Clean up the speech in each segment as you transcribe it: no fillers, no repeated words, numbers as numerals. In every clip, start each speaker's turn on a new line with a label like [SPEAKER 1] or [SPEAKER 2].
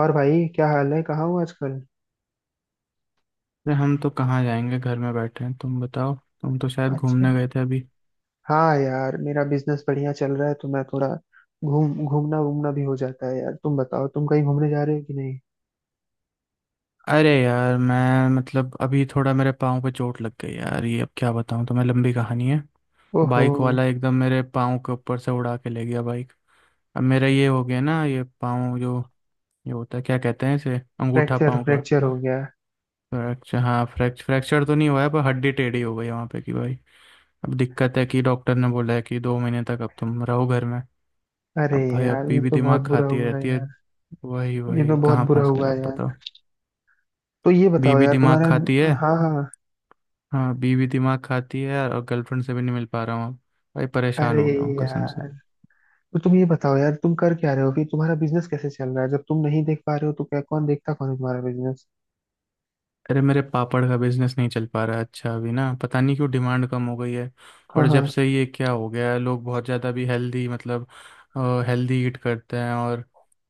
[SPEAKER 1] और भाई क्या हाल है कहाँ हो आजकल।
[SPEAKER 2] अरे हम तो कहाँ जाएंगे, घर में बैठे हैं। तुम बताओ, तुम तो शायद
[SPEAKER 1] अच्छा।
[SPEAKER 2] घूमने गए थे अभी।
[SPEAKER 1] हाँ यार मेरा बिजनेस बढ़िया चल रहा है तो मैं थोड़ा घूम घूमना वूमना भी हो जाता है। यार तुम बताओ तुम कहीं घूमने जा रहे हो कि नहीं।
[SPEAKER 2] अरे यार, मैं मतलब अभी थोड़ा मेरे पाँव पे चोट लग गई यार। ये अब क्या बताऊँ तुम्हें, लंबी कहानी है।
[SPEAKER 1] ओहो।
[SPEAKER 2] बाइक वाला एकदम मेरे पाँव के ऊपर से उड़ा के ले गया बाइक। अब मेरा ये हो गया ना, ये पाँव जो ये होता है, क्या कहते हैं इसे, अंगूठा
[SPEAKER 1] फ्रैक्चर
[SPEAKER 2] पाँव का।
[SPEAKER 1] फ्रैक्चर हो गया।
[SPEAKER 2] फ्रैक्चर, हाँ, फ्रैक्चर फ्रैक्चर तो नहीं हुआ है, पर हड्डी टेढ़ी हो गई है वहाँ पे की भाई। अब दिक्कत है कि डॉक्टर ने बोला है कि 2 महीने तक अब तुम रहो घर में।
[SPEAKER 1] अरे
[SPEAKER 2] अब भाई अब
[SPEAKER 1] यार ये
[SPEAKER 2] बीवी
[SPEAKER 1] तो बहुत
[SPEAKER 2] दिमाग
[SPEAKER 1] बुरा
[SPEAKER 2] खाती
[SPEAKER 1] हुआ है
[SPEAKER 2] रहती है।
[SPEAKER 1] यार।
[SPEAKER 2] वही
[SPEAKER 1] ये तो
[SPEAKER 2] वही,
[SPEAKER 1] बहुत
[SPEAKER 2] कहाँ
[SPEAKER 1] बुरा
[SPEAKER 2] फंस गए
[SPEAKER 1] हुआ है
[SPEAKER 2] अब
[SPEAKER 1] यार।
[SPEAKER 2] बताओ।
[SPEAKER 1] तो ये बताओ
[SPEAKER 2] बीवी
[SPEAKER 1] यार
[SPEAKER 2] दिमाग
[SPEAKER 1] तुम्हारा।
[SPEAKER 2] खाती है।
[SPEAKER 1] हाँ हाँ।
[SPEAKER 2] हाँ, बीवी दिमाग खाती है यार, और गर्लफ्रेंड से भी नहीं मिल पा रहा हूँ। भाई परेशान
[SPEAKER 1] अरे
[SPEAKER 2] हो गया हूँ कसम से।
[SPEAKER 1] यार। तो तुम ये बताओ यार तुम कर क्या रहे हो फिर तुम्हारा बिजनेस कैसे चल रहा है जब तुम नहीं देख पा रहे हो तो क्या कौन देखता कौन है तुम्हारा बिजनेस।
[SPEAKER 2] अरे मेरे पापड़ का बिजनेस नहीं चल पा रहा है। अच्छा, अभी ना पता नहीं क्यों डिमांड कम हो गई है।
[SPEAKER 1] हाँ
[SPEAKER 2] और जब
[SPEAKER 1] हाँ।
[SPEAKER 2] से ये क्या हो गया है, लोग बहुत ज़्यादा भी हेल्दी मतलब हेल्दी ईट करते हैं। और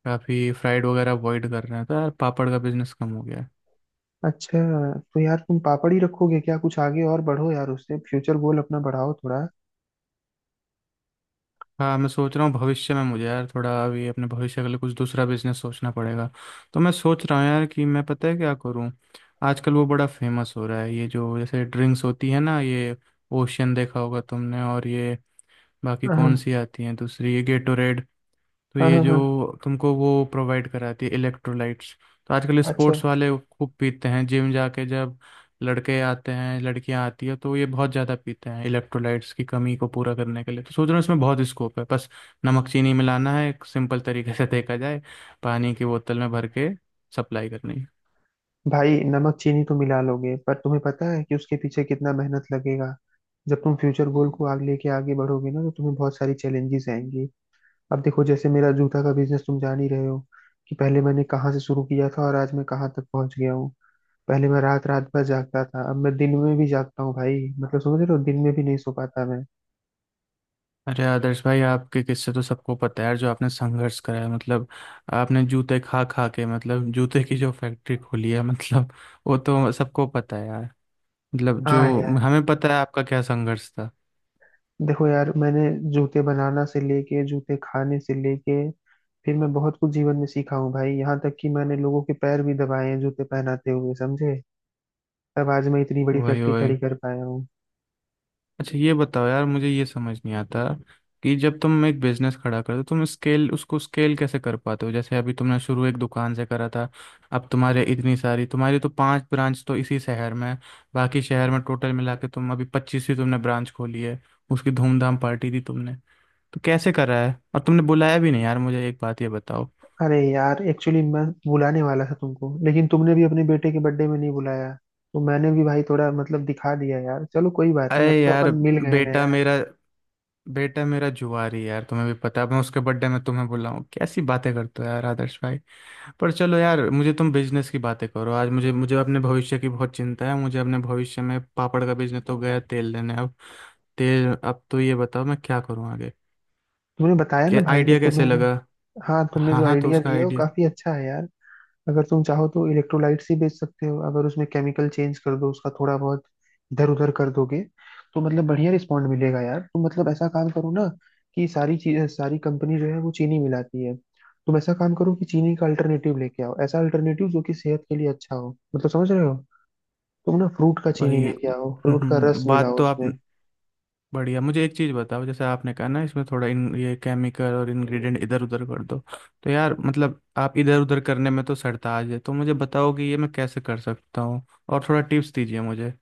[SPEAKER 2] काफ़ी फ्राइड वगैरह अवॉइड कर रहे हैं, तो यार पापड़ का बिजनेस कम हो गया है।
[SPEAKER 1] अच्छा। तो यार तुम पापड़ ही रखोगे क्या, कुछ आगे और बढ़ो यार, उससे फ्यूचर गोल अपना बढ़ाओ थोड़ा।
[SPEAKER 2] हाँ, मैं सोच रहा हूँ भविष्य में, मुझे यार थोड़ा अभी अपने भविष्य के लिए कुछ दूसरा बिजनेस सोचना पड़ेगा। तो मैं सोच रहा हूँ यार कि मैं, पता है क्या करूँ, आजकल वो बड़ा फेमस हो रहा है, ये जो जैसे ड्रिंक्स होती है ना, ये ओशियन देखा होगा तुमने, और ये बाकी कौन
[SPEAKER 1] हाँ
[SPEAKER 2] सी आती हैं दूसरी, ये गेटोरेड। तो
[SPEAKER 1] हाँ
[SPEAKER 2] ये
[SPEAKER 1] हाँ हाँ।
[SPEAKER 2] जो तुमको वो प्रोवाइड कराती है, इलेक्ट्रोलाइट्स। तो आजकल
[SPEAKER 1] अच्छा।
[SPEAKER 2] स्पोर्ट्स वाले खूब पीते हैं, जिम जाके जब लड़के आते हैं, लड़कियां आती है, तो ये बहुत ज़्यादा पीते हैं इलेक्ट्रोलाइट्स की कमी को पूरा करने के लिए। तो सोच रहा हूँ इसमें बहुत स्कोप है। बस नमक चीनी मिलाना है एक सिंपल तरीके से देखा जाए, पानी की बोतल में भर के सप्लाई करनी है।
[SPEAKER 1] भाई नमक चीनी तो मिला लोगे पर तुम्हें पता है कि उसके पीछे कितना मेहनत लगेगा। जब तुम फ्यूचर गोल को आगे लेके आगे बढ़ोगे ना तो तुम्हें बहुत सारी चैलेंजेस आएंगी। अब देखो जैसे मेरा जूता का बिजनेस तुम जान ही रहे हो कि पहले मैंने कहाँ से शुरू किया था और आज मैं कहाँ तक पहुंच गया हूँ। पहले मैं रात रात भर जागता था, अब मैं दिन में भी जागता हूँ भाई, मतलब समझ रहे हो, दिन में भी नहीं सो पाता मैं।
[SPEAKER 2] अरे आदर्श भाई, आपके किस्से तो सबको पता है यार, जो आपने संघर्ष करा है मतलब। आपने जूते खा खा के मतलब, जूते की जो फैक्ट्री खोली है मतलब, वो तो सबको पता है यार। मतलब जो
[SPEAKER 1] हाँ।
[SPEAKER 2] हमें पता है आपका क्या संघर्ष था।
[SPEAKER 1] देखो यार मैंने जूते बनाना से लेके जूते खाने से लेके फिर मैं बहुत कुछ जीवन में सीखा हूँ भाई, यहाँ तक कि मैंने लोगों के पैर भी दबाए हैं जूते पहनाते हुए, समझे। तब आज मैं इतनी बड़ी
[SPEAKER 2] वही
[SPEAKER 1] फैक्ट्री
[SPEAKER 2] वही।
[SPEAKER 1] खड़ी कर पाया हूँ।
[SPEAKER 2] अच्छा ये बताओ यार, मुझे ये समझ नहीं आता कि जब तुम एक बिजनेस खड़ा करते हो, तुम स्केल उसको स्केल कैसे कर पाते हो। जैसे अभी तुमने शुरू एक दुकान से करा था। अब तुम्हारे इतनी सारी तुम्हारी तो 5 ब्रांच तो इसी शहर में है, बाकी शहर में टोटल मिला के तुम अभी 25वीं तुमने ब्रांच खोली है। उसकी धूमधाम पार्टी दी तुमने, तो कैसे करा है। और तुमने बुलाया भी नहीं यार मुझे, एक बात ये बताओ।
[SPEAKER 1] अरे यार, एक्चुअली मैं बुलाने वाला था तुमको, लेकिन तुमने भी अपने बेटे के बर्थडे में नहीं बुलाया। तो मैंने भी भाई थोड़ा मतलब दिखा दिया यार, चलो कोई बात
[SPEAKER 2] अरे
[SPEAKER 1] नहीं, अब तो
[SPEAKER 2] यार,
[SPEAKER 1] अपन मिल गए ना
[SPEAKER 2] बेटा
[SPEAKER 1] यार।
[SPEAKER 2] मेरा बेटा मेरा जुआरी है यार, तुम्हें भी पता है। मैं उसके बर्थडे में तुम्हें बुलाऊं, कैसी बातें करते हो यार आदर्श भाई। पर चलो यार, मुझे तुम बिजनेस की बातें करो आज। मुझे मुझे अपने भविष्य की बहुत चिंता है। मुझे अपने भविष्य में पापड़ का बिजनेस तो गया तेल लेने अब। तेल, अब तो ये बताओ मैं क्या करूं आगे।
[SPEAKER 1] तुमने बताया ना
[SPEAKER 2] क्या
[SPEAKER 1] भाई कि
[SPEAKER 2] आइडिया, कैसे
[SPEAKER 1] तुम्हें।
[SPEAKER 2] लगा।
[SPEAKER 1] हाँ, तुमने
[SPEAKER 2] हाँ
[SPEAKER 1] जो
[SPEAKER 2] हाँ, तो
[SPEAKER 1] आइडिया
[SPEAKER 2] उसका
[SPEAKER 1] दिया वो
[SPEAKER 2] आइडिया,
[SPEAKER 1] काफी अच्छा है यार। अगर तुम चाहो तो इलेक्ट्रोलाइट्स ही बेच सकते हो, अगर उसमें केमिकल चेंज कर दो, उसका थोड़ा बहुत इधर उधर कर दोगे तो मतलब बढ़िया रिस्पॉन्ड मिलेगा यार। तुम मतलब ऐसा काम करो ना, कि सारी चीज सारी कंपनी जो है वो चीनी मिलाती है। तुम ऐसा काम करो कि चीनी का अल्टरनेटिव लेके आओ, ऐसा अल्टरनेटिव जो कि सेहत के लिए अच्छा हो, मतलब समझ रहे हो। तुम ना फ्रूट का चीनी
[SPEAKER 2] भाई
[SPEAKER 1] लेके आओ, फ्रूट का रस
[SPEAKER 2] बात
[SPEAKER 1] मिलाओ
[SPEAKER 2] तो आप,
[SPEAKER 1] उसमें।
[SPEAKER 2] बढ़िया। मुझे एक चीज़ बताओ, जैसे आपने कहा ना इसमें थोड़ा इन ये केमिकल और इंग्रेडिएंट इधर उधर कर दो। तो यार, मतलब आप इधर उधर करने में तो सरताज है, तो मुझे बताओ कि ये मैं कैसे कर सकता हूँ, और थोड़ा टिप्स दीजिए मुझे।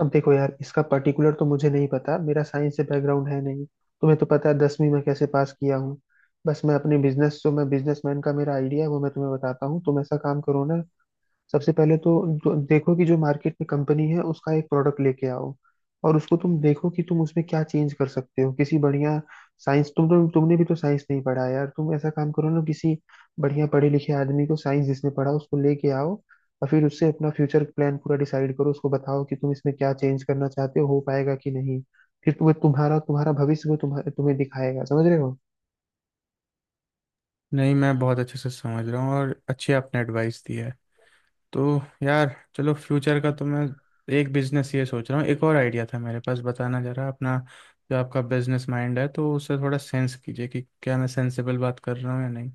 [SPEAKER 1] अब देखो यार इसका पर्टिकुलर तो मुझे नहीं पता, मेरा साइंस से बैकग्राउंड है नहीं। तुम्हें तो पता है दसवीं में कैसे पास किया हूँ। बस मैं अपने बिजनेस, जो मैं बिजनेसमैन, का मेरा आइडिया है वो मैं तुम्हें बताता हूँ, तुम ऐसा काम करो ना। सबसे पहले तो देखो कि जो मार्केट में कंपनी है उसका एक प्रोडक्ट लेके आओ। और उसको तुम देखो कि तुम उसमें क्या चेंज कर सकते हो किसी बढ़िया साइंस। तुम तो तुमने भी तो साइंस नहीं पढ़ा है यार, तुम ऐसा काम करो ना, किसी बढ़िया पढ़े लिखे आदमी को, साइंस जिसने पढ़ा, उसको लेके आओ। और फिर उससे अपना फ्यूचर प्लान पूरा डिसाइड करो, उसको बताओ कि तुम इसमें क्या चेंज करना चाहते हो पाएगा कि नहीं। फिर तुम्हें तुम्हारा तुम्हारा भविष्य वो तुम्हें तुम्हें दिखाएगा, समझ रहे हो।
[SPEAKER 2] नहीं, मैं बहुत अच्छे से समझ रहा हूँ और अच्छी आपने एडवाइस दी है। तो यार चलो, फ्यूचर का तो मैं एक बिजनेस ये सोच रहा हूँ। एक और आइडिया था मेरे पास, बताना जरा अपना, जो आपका बिजनेस माइंड है, तो उससे थोड़ा सेंस कीजिए कि क्या मैं सेंसेबल बात कर रहा हूँ या नहीं।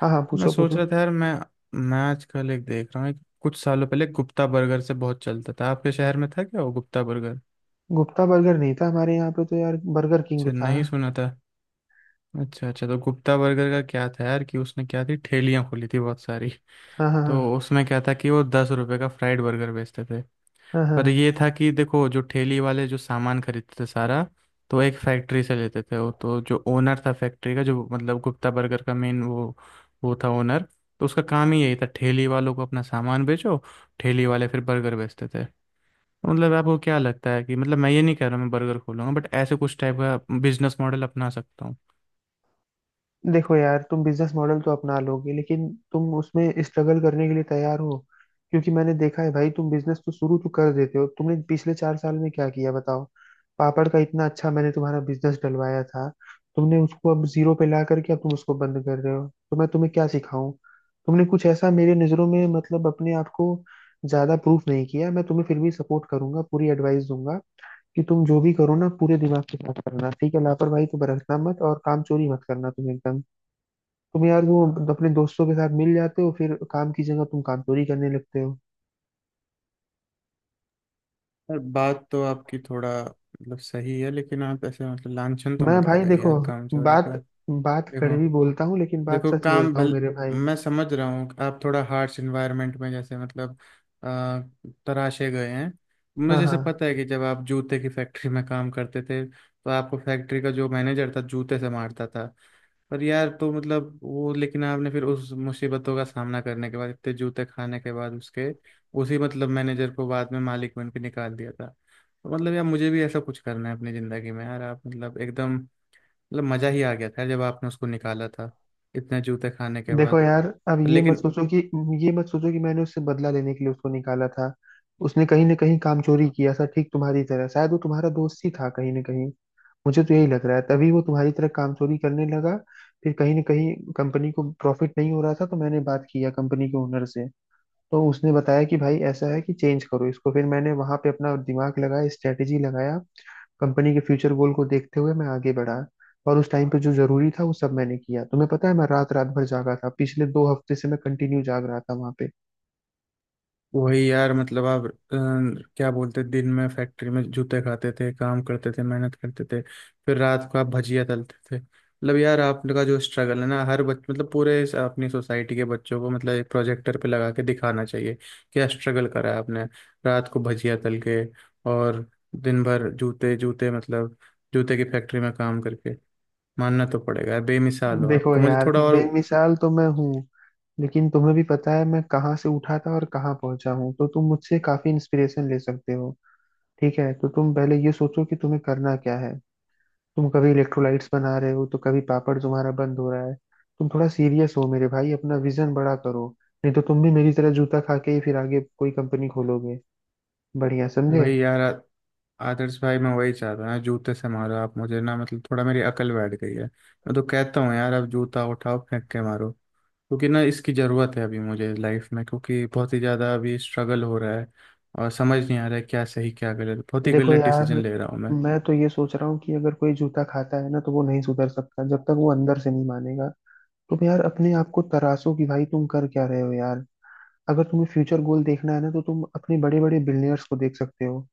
[SPEAKER 1] हाँ हाँ,
[SPEAKER 2] मैं
[SPEAKER 1] पूछो
[SPEAKER 2] सोच रहा
[SPEAKER 1] पूछो।
[SPEAKER 2] था यार, मैं आजकल एक देख रहा हूँ, एक कुछ सालों पहले गुप्ता बर्गर से बहुत चलता था। आपके शहर में था क्या वो गुप्ता बर्गर?
[SPEAKER 1] गुप्ता बर्गर नहीं था हमारे यहाँ पे, तो यार बर्गर किंग
[SPEAKER 2] अच्छा,
[SPEAKER 1] था।
[SPEAKER 2] नहीं सुना था। अच्छा अच्छा, तो गुप्ता बर्गर का क्या था यार कि उसने क्या थी, ठेलियाँ खोली थी बहुत सारी
[SPEAKER 1] हाँ हाँ हाँ
[SPEAKER 2] तो उसमें क्या था कि वो 10 रुपए का फ्राइड बर्गर बेचते थे।
[SPEAKER 1] हाँ
[SPEAKER 2] पर
[SPEAKER 1] हाँ।
[SPEAKER 2] ये था कि देखो, जो ठेली वाले जो सामान खरीदते थे सारा, तो एक फैक्ट्री से लेते थे वो। तो जो ओनर था फैक्ट्री का, जो मतलब गुप्ता बर्गर का मेन वो था ओनर। तो उसका काम ही यही था, ठेली वालों को अपना सामान बेचो, ठेली वाले फिर बर्गर बेचते थे। तो मतलब आपको क्या लगता है कि, मतलब मैं ये नहीं कह रहा मैं बर्गर खोलूंगा, बट ऐसे कुछ टाइप का बिजनेस मॉडल अपना सकता हूँ।
[SPEAKER 1] देखो यार तुम बिजनेस मॉडल तो अपना लोगे, लेकिन तुम उसमें स्ट्रगल करने के लिए तैयार हो। क्योंकि मैंने देखा है भाई, तुम बिजनेस तो शुरू तो कर देते हो, तुमने पिछले चार साल में क्या किया बताओ। पापड़ का इतना अच्छा मैंने तुम्हारा बिजनेस डलवाया था। तुमने उसको अब जीरो पे ला करके अब तुम उसको बंद कर रहे हो, तो मैं तुम्हें क्या सिखाऊं। तुमने कुछ ऐसा मेरे नज़रों में मतलब अपने आप को ज्यादा प्रूफ नहीं किया, मैं तुम्हें फिर भी सपोर्ट करूंगा, पूरी एडवाइस दूंगा। कि तुम जो भी करो ना पूरे दिमाग के साथ करना, ठीक है, लापरवाही तो बरतना मत, और काम चोरी मत करना, तुम एकदम। तुम यार वो अपने दोस्तों के साथ मिल जाते हो, फिर काम की जगह तुम काम चोरी करने लगते हो।
[SPEAKER 2] यार बात तो आपकी थोड़ा मतलब सही है, लेकिन आप ऐसे मतलब लांछन तो
[SPEAKER 1] मैं
[SPEAKER 2] मत
[SPEAKER 1] भाई
[SPEAKER 2] लगाइए
[SPEAKER 1] देखो,
[SPEAKER 2] यार काम चोरी
[SPEAKER 1] बात
[SPEAKER 2] का।
[SPEAKER 1] बात
[SPEAKER 2] देखो
[SPEAKER 1] कड़वी बोलता हूँ लेकिन बात
[SPEAKER 2] देखो
[SPEAKER 1] सच
[SPEAKER 2] काम
[SPEAKER 1] बोलता हूँ
[SPEAKER 2] भल
[SPEAKER 1] मेरे भाई।
[SPEAKER 2] मैं समझ रहा हूँ आप थोड़ा हार्श इन्वायरमेंट में जैसे मतलब आ, तराशे गए हैं। मुझे
[SPEAKER 1] हाँ
[SPEAKER 2] जैसे
[SPEAKER 1] हाँ।
[SPEAKER 2] पता है कि जब आप जूते की फैक्ट्री में काम करते थे, तो आपको फैक्ट्री का जो मैनेजर था, जूते से मारता था। पर यार तो मतलब वो, लेकिन आपने फिर उस मुसीबतों का सामना करने के बाद, इतने जूते खाने के बाद, उसके उसी मतलब मैनेजर को बाद में मालिक बन के निकाल दिया था। तो मतलब यार मुझे भी ऐसा कुछ करना है अपनी ज़िंदगी में यार, आप मतलब एकदम मतलब मजा ही आ गया था जब आपने उसको निकाला था, इतने जूते खाने के
[SPEAKER 1] देखो
[SPEAKER 2] बाद।
[SPEAKER 1] यार, अब ये मत
[SPEAKER 2] लेकिन
[SPEAKER 1] सोचो कि ये मत सोचो कि मैंने उससे बदला लेने के लिए उसको निकाला था। उसने कहीं ना कहीं काम चोरी किया था, ठीक तुम्हारी तरह, शायद वो तुम्हारा दोस्त ही था कहीं ना कहीं। मुझे तो यही लग रहा है, तभी वो तुम्हारी तरह काम चोरी करने लगा। फिर कहीं ना कहीं कंपनी को प्रॉफिट नहीं हो रहा था, तो मैंने बात किया कंपनी के ओनर से। तो उसने बताया कि भाई ऐसा है कि चेंज करो इसको, फिर मैंने वहां पे अपना दिमाग लगाया, स्ट्रेटेजी लगाया। कंपनी के फ्यूचर गोल को देखते हुए मैं आगे बढ़ा। और उस टाइम पे जो जरूरी था वो सब मैंने किया, तुम्हें पता है मैं रात रात भर जागा था, पिछले दो हफ्ते से मैं कंटिन्यू जाग रहा था वहां पे।
[SPEAKER 2] वही यार, मतलब आप क्या बोलते, दिन में फैक्ट्री में जूते खाते थे, काम करते थे, मेहनत करते थे। फिर रात को आप भजिया तलते थे। मतलब यार आपका जो स्ट्रगल है ना, हर बच मतलब पूरे इस अपनी सोसाइटी के बच्चों को मतलब एक प्रोजेक्टर पे लगा के दिखाना चाहिए क्या स्ट्रगल करा है आपने। रात को भजिया तल के, और दिन भर जूते जूते मतलब जूते की फैक्ट्री में काम करके। मानना तो पड़ेगा यार, बेमिसाल हो आप।
[SPEAKER 1] देखो
[SPEAKER 2] तो मुझे
[SPEAKER 1] यार
[SPEAKER 2] थोड़ा और,
[SPEAKER 1] बेमिसाल तो मैं हूँ। लेकिन तुम्हें भी पता है मैं कहाँ से उठा था और कहाँ पहुंचा हूँ, तो तुम मुझसे काफी इंस्पिरेशन ले सकते हो। ठीक है, तो तुम पहले ये सोचो कि तुम्हें करना क्या है। तुम कभी इलेक्ट्रोलाइट्स बना रहे हो तो कभी पापड़ तुम्हारा बंद हो रहा है। तुम थोड़ा सीरियस हो मेरे भाई, अपना विजन बड़ा करो। नहीं तो तुम भी मेरी तरह जूता खा के ही फिर आगे कोई कंपनी खोलोगे। बढ़िया, समझे।
[SPEAKER 2] वही यार आ- आदर्श भाई, मैं वही चाहता हूँ यार, जूते से मारो आप मुझे ना, मतलब थोड़ा मेरी अकल बैठ गई है। मैं तो कहता हूँ यार, आप जूता उठाओ फेंक के मारो, क्योंकि ना इसकी ज़रूरत है अभी मुझे लाइफ में, क्योंकि बहुत ही ज़्यादा अभी स्ट्रगल हो रहा है, और समझ नहीं आ रहा है क्या सही क्या गलत। बहुत ही
[SPEAKER 1] देखो
[SPEAKER 2] गलत
[SPEAKER 1] यार
[SPEAKER 2] डिसीजन ले रहा हूँ मैं।
[SPEAKER 1] मैं तो ये सोच रहा हूँ कि अगर कोई जूता खाता है ना तो वो नहीं सुधर सकता, जब तक वो अंदर से नहीं मानेगा। तुम यार अपने आप को तराशो कि भाई तुम कर क्या रहे हो यार। अगर तुम्हें फ्यूचर गोल देखना है ना तो तुम अपने बड़े बड़े बिलियनर्स को देख सकते हो।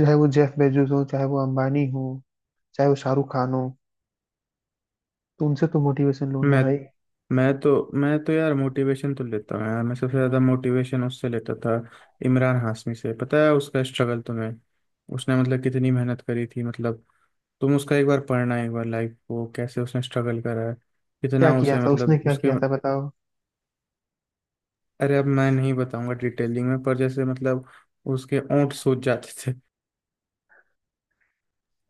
[SPEAKER 1] चाहे वो जेफ बेजोस हो, चाहे वो अंबानी हो, चाहे वो शाहरुख खान हो, तुमसे तो मोटिवेशन लूं ना
[SPEAKER 2] मैं
[SPEAKER 1] भाई।
[SPEAKER 2] मैं तो यार मोटिवेशन तो लेता हूँ यार, मैं सबसे ज़्यादा मोटिवेशन उससे लेता था, इमरान हाशमी से। पता है उसका स्ट्रगल तुम्हें? उसने मतलब कितनी मेहनत करी थी मतलब। तुम उसका एक बार पढ़ना, एक बार लाइफ को कैसे उसने स्ट्रगल करा है,
[SPEAKER 1] क्या
[SPEAKER 2] कितना
[SPEAKER 1] किया
[SPEAKER 2] उसे
[SPEAKER 1] था उसने,
[SPEAKER 2] मतलब
[SPEAKER 1] क्या
[SPEAKER 2] उसके।
[SPEAKER 1] किया था बताओ।
[SPEAKER 2] अरे अब मैं नहीं बताऊंगा डिटेलिंग में, पर जैसे मतलब उसके ओंठ सूज जाते थे,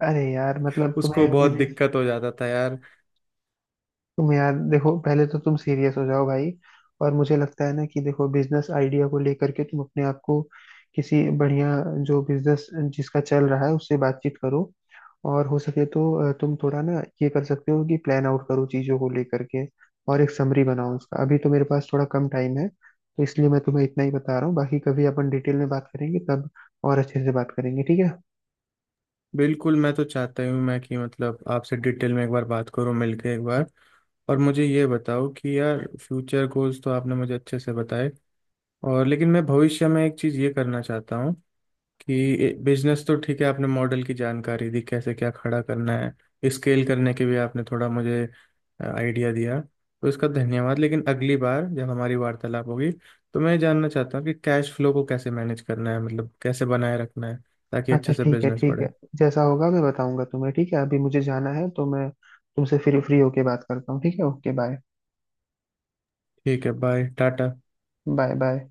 [SPEAKER 1] अरे यार मतलब
[SPEAKER 2] उसको
[SPEAKER 1] तुम्हें अभी
[SPEAKER 2] बहुत
[SPEAKER 1] भी।
[SPEAKER 2] दिक्कत हो जाता था यार।
[SPEAKER 1] तुम यार देखो, पहले तो तुम सीरियस हो जाओ भाई। और मुझे लगता है ना कि देखो, बिजनेस आइडिया को लेकर के तुम अपने आप को किसी बढ़िया, जो बिजनेस जिसका चल रहा है उससे बातचीत करो। और हो सके तो तुम थोड़ा ना ये कर सकते हो कि प्लान आउट करो चीजों को लेकर के। और एक समरी बनाओ उसका, अभी तो मेरे पास थोड़ा कम टाइम है तो इसलिए मैं तुम्हें इतना ही बता रहा हूँ, बाकी कभी अपन डिटेल में बात करेंगे, तब और अच्छे से बात करेंगे, ठीक है।
[SPEAKER 2] बिल्कुल, मैं तो चाहता ही हूँ मैं, कि मतलब आपसे डिटेल में एक बार बात करूँ मिलके एक बार। और मुझे ये बताओ कि यार, फ्यूचर गोल्स तो आपने मुझे अच्छे से बताए, और लेकिन मैं भविष्य में एक चीज़ ये करना चाहता हूँ कि, बिजनेस तो ठीक है आपने मॉडल की जानकारी दी, कैसे क्या खड़ा करना है, स्केल करने के भी आपने थोड़ा मुझे आइडिया दिया, तो इसका धन्यवाद। लेकिन अगली बार जब हमारी वार्तालाप होगी, तो मैं ये जानना चाहता हूँ कि कैश फ्लो को कैसे मैनेज करना है, मतलब कैसे बनाए रखना है, ताकि
[SPEAKER 1] अच्छा
[SPEAKER 2] अच्छे से
[SPEAKER 1] ठीक है
[SPEAKER 2] बिजनेस
[SPEAKER 1] ठीक है।
[SPEAKER 2] बढ़े।
[SPEAKER 1] जैसा होगा मैं बताऊंगा तुम्हें, ठीक है, अभी मुझे जाना है तो मैं तुमसे फिर फ्री होके बात करता हूँ, ठीक है, ओके बाय।
[SPEAKER 2] ठीक है, बाय टाटा।
[SPEAKER 1] Bye bye.